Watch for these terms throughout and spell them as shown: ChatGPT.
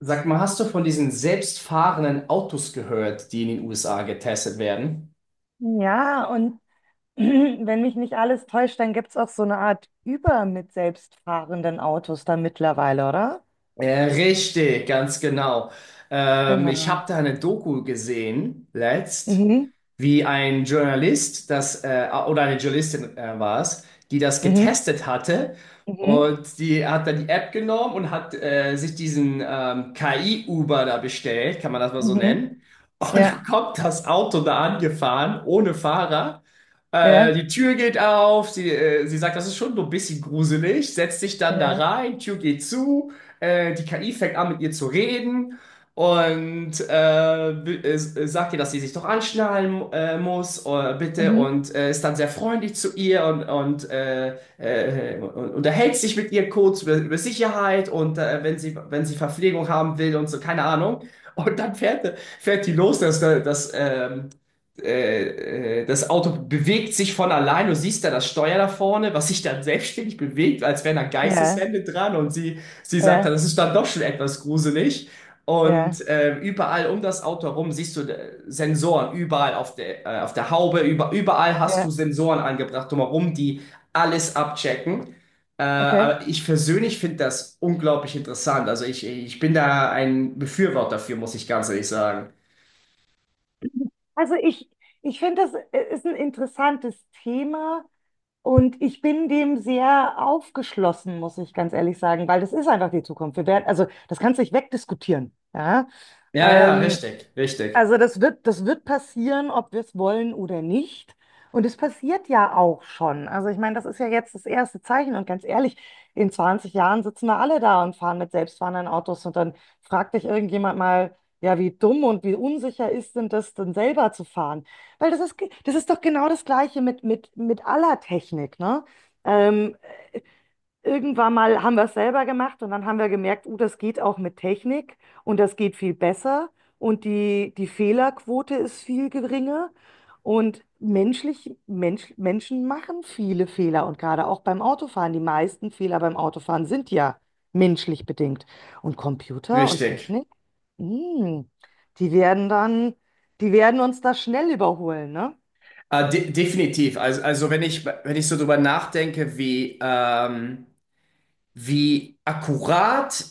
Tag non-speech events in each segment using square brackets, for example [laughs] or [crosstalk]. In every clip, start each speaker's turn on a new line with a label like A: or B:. A: Sag mal, hast du von diesen selbstfahrenden Autos gehört, die in den USA getestet werden?
B: Ja, und [clears throat] wenn mich nicht alles täuscht, dann gibt es auch so eine Art Uber mit selbstfahrenden Autos da mittlerweile, oder?
A: Ja, richtig, ganz genau. Ich habe
B: Genau.
A: da eine Doku gesehen, letzt,
B: Mhm,
A: wie ein Journalist, oder eine Journalistin war es, die das
B: mhm,
A: getestet hatte.
B: mhm,
A: Und die hat dann die App genommen und hat sich diesen KI-Uber da bestellt, kann man das mal so
B: mhm.
A: nennen. Und
B: Ja,
A: dann kommt das Auto da angefahren, ohne Fahrer.
B: ja,
A: Die Tür geht auf, sie sagt, das ist schon so ein bisschen gruselig, setzt sich dann da
B: ja,
A: rein, Tür geht zu, die KI fängt an mit ihr zu reden und sagt ihr, dass sie sich doch anschnallen muss, bitte,
B: mhm,
A: und ist dann sehr freundlich zu ihr und unterhält sich mit ihr kurz über Sicherheit und wenn sie Verpflegung haben will und so, keine Ahnung. Und dann fährt die los, das Auto bewegt sich von allein. Du siehst da das Steuer da vorne, was sich dann selbstständig bewegt, als wären da
B: ja,
A: Geisteshände dran. Und sie sagt dann,
B: ja,
A: das ist dann doch schon etwas gruselig.
B: ja,
A: Und überall um das Auto herum siehst du Sensoren, überall auf der Haube, überall hast du
B: ja,
A: Sensoren angebracht drumherum, die alles abchecken. Äh,
B: okay.
A: aber ich persönlich finde das unglaublich interessant. Also ich bin da ein Befürworter dafür, muss ich ganz ehrlich sagen.
B: Also ich finde, das ist ein interessantes Thema und ich bin dem sehr aufgeschlossen, muss ich ganz ehrlich sagen, weil das ist einfach die Zukunft. Wir werden, also das kannst du nicht wegdiskutieren. Ja?
A: Ja, ja,
B: Ähm,
A: richtig, richtig.
B: Also das wird passieren, ob wir es wollen oder nicht. Und es passiert ja auch schon. Also ich meine, das ist ja jetzt das erste Zeichen. Und ganz ehrlich, in 20 Jahren sitzen wir alle da und fahren mit selbstfahrenden Autos. Und dann fragt dich irgendjemand mal, ja, wie dumm und wie unsicher ist denn das, denn selber zu fahren? Weil das ist, das ist doch genau das Gleiche mit, mit aller Technik, ne? Ähm, Irgendwann mal haben wir es selber gemacht und dann haben wir gemerkt, oh, das geht auch mit Technik und das geht viel besser und die Fehlerquote ist viel geringer und menschlich, Menschen machen viele Fehler und gerade auch beim Autofahren. Die meisten Fehler beim Autofahren sind ja menschlich bedingt. Und Computer und
A: Richtig.
B: Technik, mm, die werden dann, die werden uns da schnell überholen, ne?
A: De Definitiv. Also, wenn ich so drüber nachdenke, wie akkurat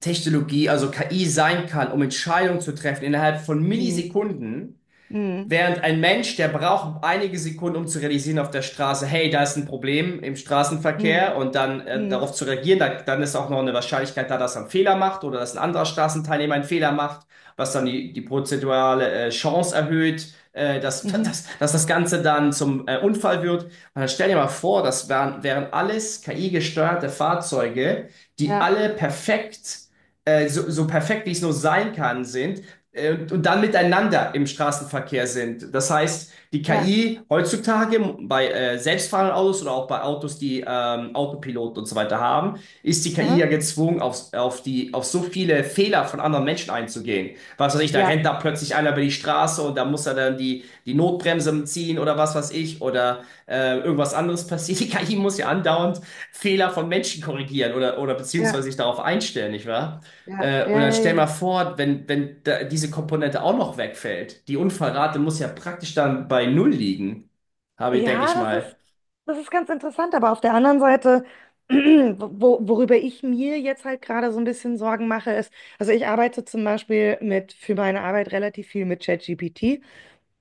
A: Technologie, also KI sein kann, um Entscheidungen zu treffen innerhalb von
B: Hm.
A: Millisekunden,
B: Mm,
A: während ein Mensch, der braucht einige Sekunden, um zu realisieren auf der Straße, hey, da ist ein Problem im Straßenverkehr
B: mm,
A: und dann
B: mm,
A: darauf zu reagieren, da, dann ist auch noch eine Wahrscheinlichkeit da, dass er einen Fehler macht oder dass ein anderer Straßenteilnehmer einen Fehler macht, was dann die prozentuale Chance erhöht, [laughs]
B: mhm,
A: dass das Ganze dann zum Unfall wird. Und dann stell dir mal vor, das wären alles KI-gesteuerte Fahrzeuge, die
B: ja,
A: alle so perfekt, wie es nur sein kann, sind und dann miteinander im Straßenverkehr sind. Das heißt, die
B: ja,
A: KI heutzutage bei selbstfahrenden Autos oder auch bei Autos, die Autopilot und so weiter haben, ist die KI
B: aha,
A: ja gezwungen, auf so viele Fehler von anderen Menschen einzugehen. Was weiß ich, da
B: ja.
A: rennt da plötzlich einer über die Straße und da muss er dann die Notbremse ziehen oder was weiß ich oder irgendwas anderes passiert. Die KI muss ja andauernd Fehler von Menschen korrigieren oder beziehungsweise
B: Ja,
A: sich darauf einstellen, nicht wahr?
B: ja,
A: Äh,
B: ja,
A: oder
B: ja, ja.
A: stell mal vor, wenn da diese Komponente auch noch wegfällt, die Unfallrate muss ja praktisch dann bei null liegen, habe ich, denke
B: Ja,
A: ich mal.
B: das ist ganz interessant, aber auf der anderen Seite, [clears throat] wo, worüber ich mir jetzt halt gerade so ein bisschen Sorgen mache, ist, also ich arbeite zum Beispiel mit, für meine Arbeit relativ viel mit ChatGPT.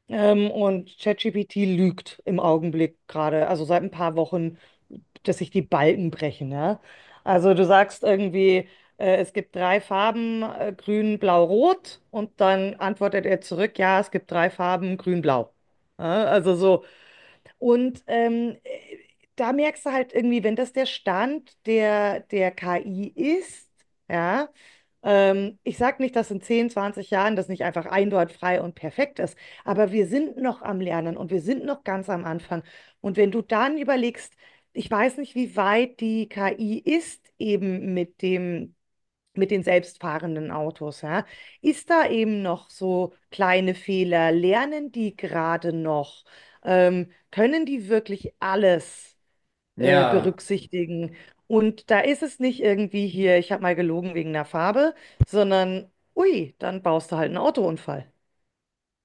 B: Und ChatGPT lügt im Augenblick gerade, also seit ein paar Wochen, dass sich die Balken brechen. Ja? Also du sagst irgendwie, es gibt drei Farben, grün, blau, rot, und dann antwortet er zurück, ja, es gibt drei Farben, grün, blau. Ja? Also so. Und da merkst du halt irgendwie, wenn das der Stand der KI ist, ja, ich sage nicht, dass in 10, 20 Jahren das nicht einfach einwandfrei und perfekt ist. Aber wir sind noch am Lernen und wir sind noch ganz am Anfang. Und wenn du dann überlegst, ich weiß nicht, wie weit die KI ist eben mit dem, mit den selbstfahrenden Autos, ja? Ist da eben noch so kleine Fehler? Lernen die gerade noch? Können die wirklich alles
A: Ja.
B: berücksichtigen? Und da ist es nicht irgendwie hier, ich habe mal gelogen wegen der Farbe, sondern, ui, dann baust du halt einen Autounfall.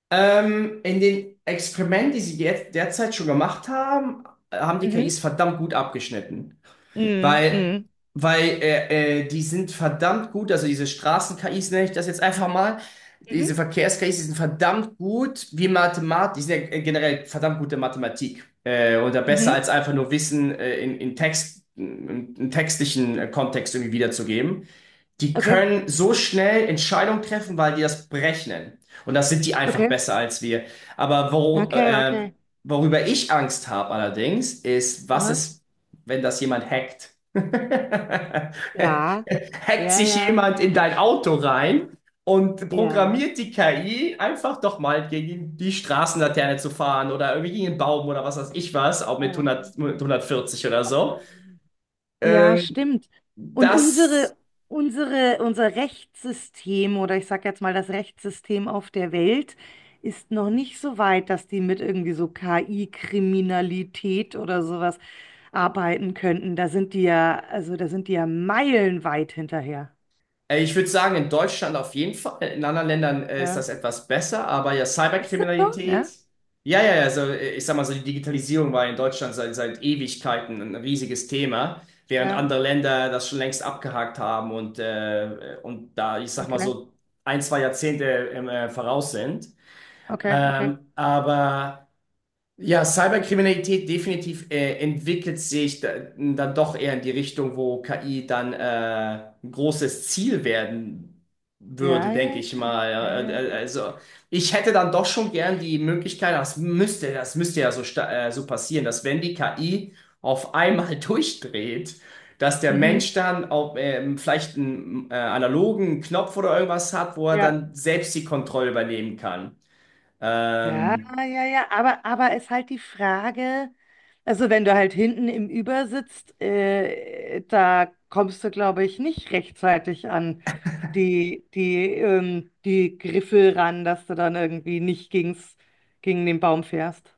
A: In den Experimenten, die sie jetzt derzeit schon gemacht haben, haben die
B: Mhm.
A: KIs verdammt gut abgeschnitten.
B: Mhm.
A: Weil,
B: Mhm.
A: weil die sind verdammt gut, also diese Straßen-KIs nenne ich das jetzt einfach mal. Diese
B: Mhm.
A: Verkehrs-KIs, die sind verdammt gut wie Mathematik, die sind ja generell verdammt gute Mathematik. Oder besser
B: Mhm.
A: als einfach nur Wissen in Text, in textlichen Kontext irgendwie wiederzugeben. Die
B: Okay.
A: können so schnell Entscheidungen treffen, weil die das berechnen. Und das sind die einfach
B: Okay.
A: besser als wir. Aber
B: Okay, okay.
A: worüber ich Angst habe allerdings, ist, was
B: Aha.
A: ist, wenn das jemand hackt. [laughs]
B: Ja,
A: Hackt
B: ja,
A: sich
B: ja,
A: jemand in dein Auto rein und
B: ja. Ja,
A: programmiert die KI einfach doch mal gegen die Straßenlaterne zu fahren oder irgendwie gegen einen Baum oder was weiß ich was, auch mit 100, mit 140 oder so.
B: Ähm, ja,
A: Ähm,
B: stimmt. Und
A: das
B: unser Rechtssystem oder ich sage jetzt mal das Rechtssystem auf der Welt ist noch nicht so weit, dass die mit irgendwie so KI-Kriminalität oder sowas arbeiten könnten. Da sind die ja, also da sind die ja meilenweit hinterher.
A: Ich würde sagen, in Deutschland auf jeden Fall. In anderen Ländern ist
B: Ja.
A: das etwas besser, aber ja,
B: Ist das so?
A: Cyberkriminalität.
B: Ja?
A: Ja, ja, ja, also ich sag mal so, die Digitalisierung war in Deutschland seit Ewigkeiten ein riesiges Thema, während
B: Ja.
A: andere Länder das schon längst abgehakt haben und da, ich sag mal
B: Okay.
A: so, ein, zwei Jahrzehnte im voraus sind.
B: Okay, okay.
A: Aber. Ja, Cyberkriminalität definitiv entwickelt sich da, dann doch eher in die Richtung, wo KI dann ein großes Ziel werden würde,
B: Ja,
A: denke
B: ja,
A: ich
B: ja,
A: mal. Äh, äh,
B: ja.
A: Also ich hätte dann doch schon gern die Möglichkeit, das müsste ja so, so passieren, dass wenn die KI auf einmal [laughs] durchdreht, dass der
B: Mhm.
A: Mensch dann auch, vielleicht einen analogen Knopf oder irgendwas hat, wo er
B: Ja,
A: dann selbst die Kontrolle übernehmen kann.
B: ja,
A: Ähm,
B: ja, ja. Aber ist halt die Frage, also wenn du halt hinten im Über sitzt, da kommst du, glaube ich, nicht rechtzeitig an die, die Griffel ran, dass du dann irgendwie nicht gegen den Baum fährst.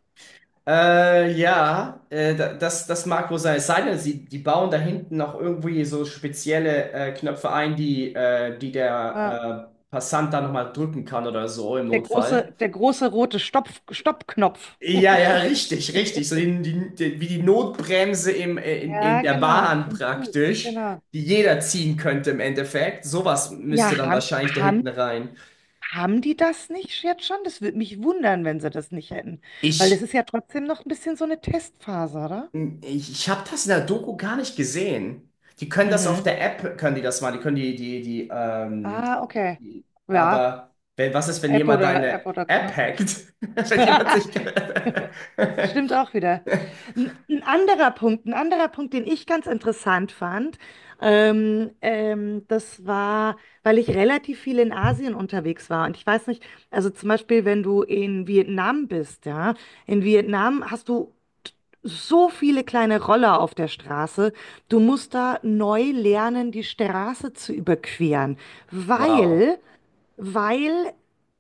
A: Ja, das mag wohl sein. Es sei denn, die bauen da hinten noch irgendwie so spezielle Knöpfe ein, die
B: Ja.
A: der Passant da nochmal drücken kann oder so im Notfall.
B: Der große rote Stoppknopf.
A: Ja, ja,
B: [laughs]
A: richtig, richtig. So wie die Notbremse in
B: Ja,
A: der
B: genau.
A: Bahn
B: Im Flug,
A: praktisch,
B: genau.
A: die jeder ziehen könnte im Endeffekt. Sowas müsste
B: Ja,
A: dann wahrscheinlich da hinten rein.
B: haben die das nicht jetzt schon? Das würde mich wundern, wenn sie das nicht hätten. Weil
A: Ich
B: das ist ja trotzdem noch ein bisschen so eine Testphase, oder?
A: ich habe das in der Doku gar nicht gesehen. Die können das auf
B: Mhm.
A: der App, können die das machen. Die können die, die, die, ähm,
B: Ah, okay.
A: die
B: Ja,
A: aber wenn, was ist, wenn
B: App
A: jemand
B: oder
A: deine
B: App oder
A: App
B: Knopf.
A: hackt? [laughs] Wenn jemand
B: [laughs]
A: sich. [laughs]
B: Stimmt auch wieder. Ein anderer Punkt, ein anderer Punkt, den ich ganz interessant fand, das war, weil ich relativ viel in Asien unterwegs war. Und ich weiß nicht, also zum Beispiel, wenn du in Vietnam bist, ja, in Vietnam hast du so viele kleine Roller auf der Straße. Du musst da neu lernen, die Straße zu überqueren,
A: Wow.
B: weil, weil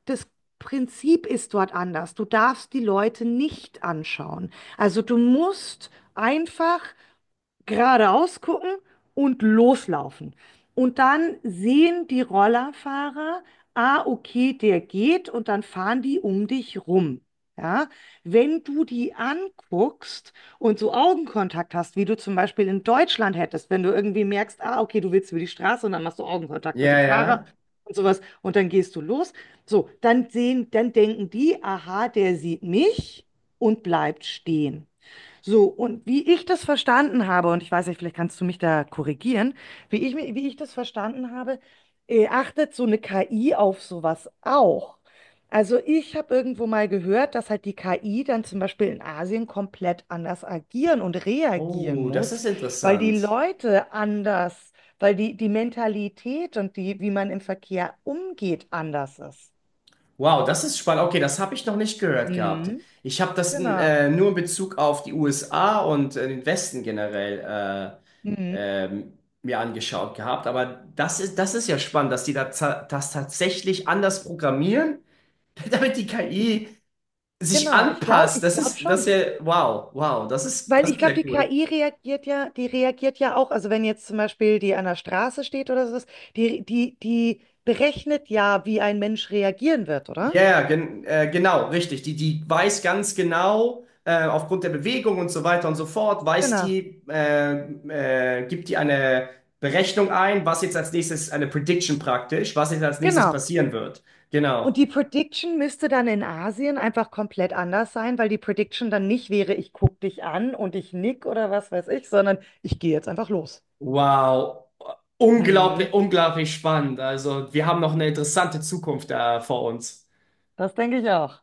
B: das Prinzip ist dort anders. Du darfst die Leute nicht anschauen. Also du musst einfach geradeaus gucken und loslaufen. Und dann sehen die Rollerfahrer, ah, okay, der geht und dann fahren die um dich rum. Ja, wenn du die anguckst und so Augenkontakt hast, wie du zum Beispiel in Deutschland hättest, wenn du irgendwie merkst, ah, okay, du willst über die Straße und dann machst du Augenkontakt mit
A: Ja,
B: dem Fahrer
A: ja.
B: und sowas und dann gehst du los. So, dann sehen, dann denken die, aha, der sieht mich und bleibt stehen. So, und wie ich das verstanden habe, und ich weiß nicht, vielleicht kannst du mich da korrigieren, wie ich das verstanden habe, achtet so eine KI auf sowas auch. Also ich habe irgendwo mal gehört, dass halt die KI dann zum Beispiel in Asien komplett anders agieren und reagieren
A: Oh, das
B: muss,
A: ist
B: weil die
A: interessant.
B: Leute anders, weil die Mentalität und die, wie man im Verkehr umgeht, anders ist.
A: Wow, das ist spannend. Okay, das habe ich noch nicht gehört gehabt.
B: Mhm.
A: Ich habe das
B: Genau.
A: nur in Bezug auf die USA und den Westen generell
B: Mhm.
A: mir angeschaut gehabt. Aber das ist ja spannend, dass die da das tatsächlich anders programmieren, [laughs] damit die
B: Ich,
A: KI sich
B: genau,
A: anpasst.
B: ich
A: Das
B: glaube
A: ist, das ist
B: schon.
A: ja, wow, wow, das ist,
B: Weil
A: das
B: ich
A: ist ja
B: glaube, die
A: cool.
B: KI reagiert ja, die reagiert ja auch, also wenn jetzt zum Beispiel die an der Straße steht oder so, die berechnet ja, wie ein Mensch reagieren wird, oder?
A: Ja, ja, genau, richtig. Die weiß ganz genau, aufgrund der Bewegung und so weiter und so fort,
B: Genau,
A: gibt die eine Berechnung ein, was jetzt als nächstes, eine Prediction praktisch, was jetzt als nächstes
B: genau.
A: passieren wird.
B: Und
A: Genau.
B: die Prediction müsste dann in Asien einfach komplett anders sein, weil die Prediction dann nicht wäre, ich guck dich an und ich nick oder was weiß ich, sondern ich gehe jetzt einfach los.
A: Wow.
B: Hm,
A: Unglaublich, unglaublich spannend. Also, wir haben noch eine interessante Zukunft da vor uns.
B: das denke ich auch.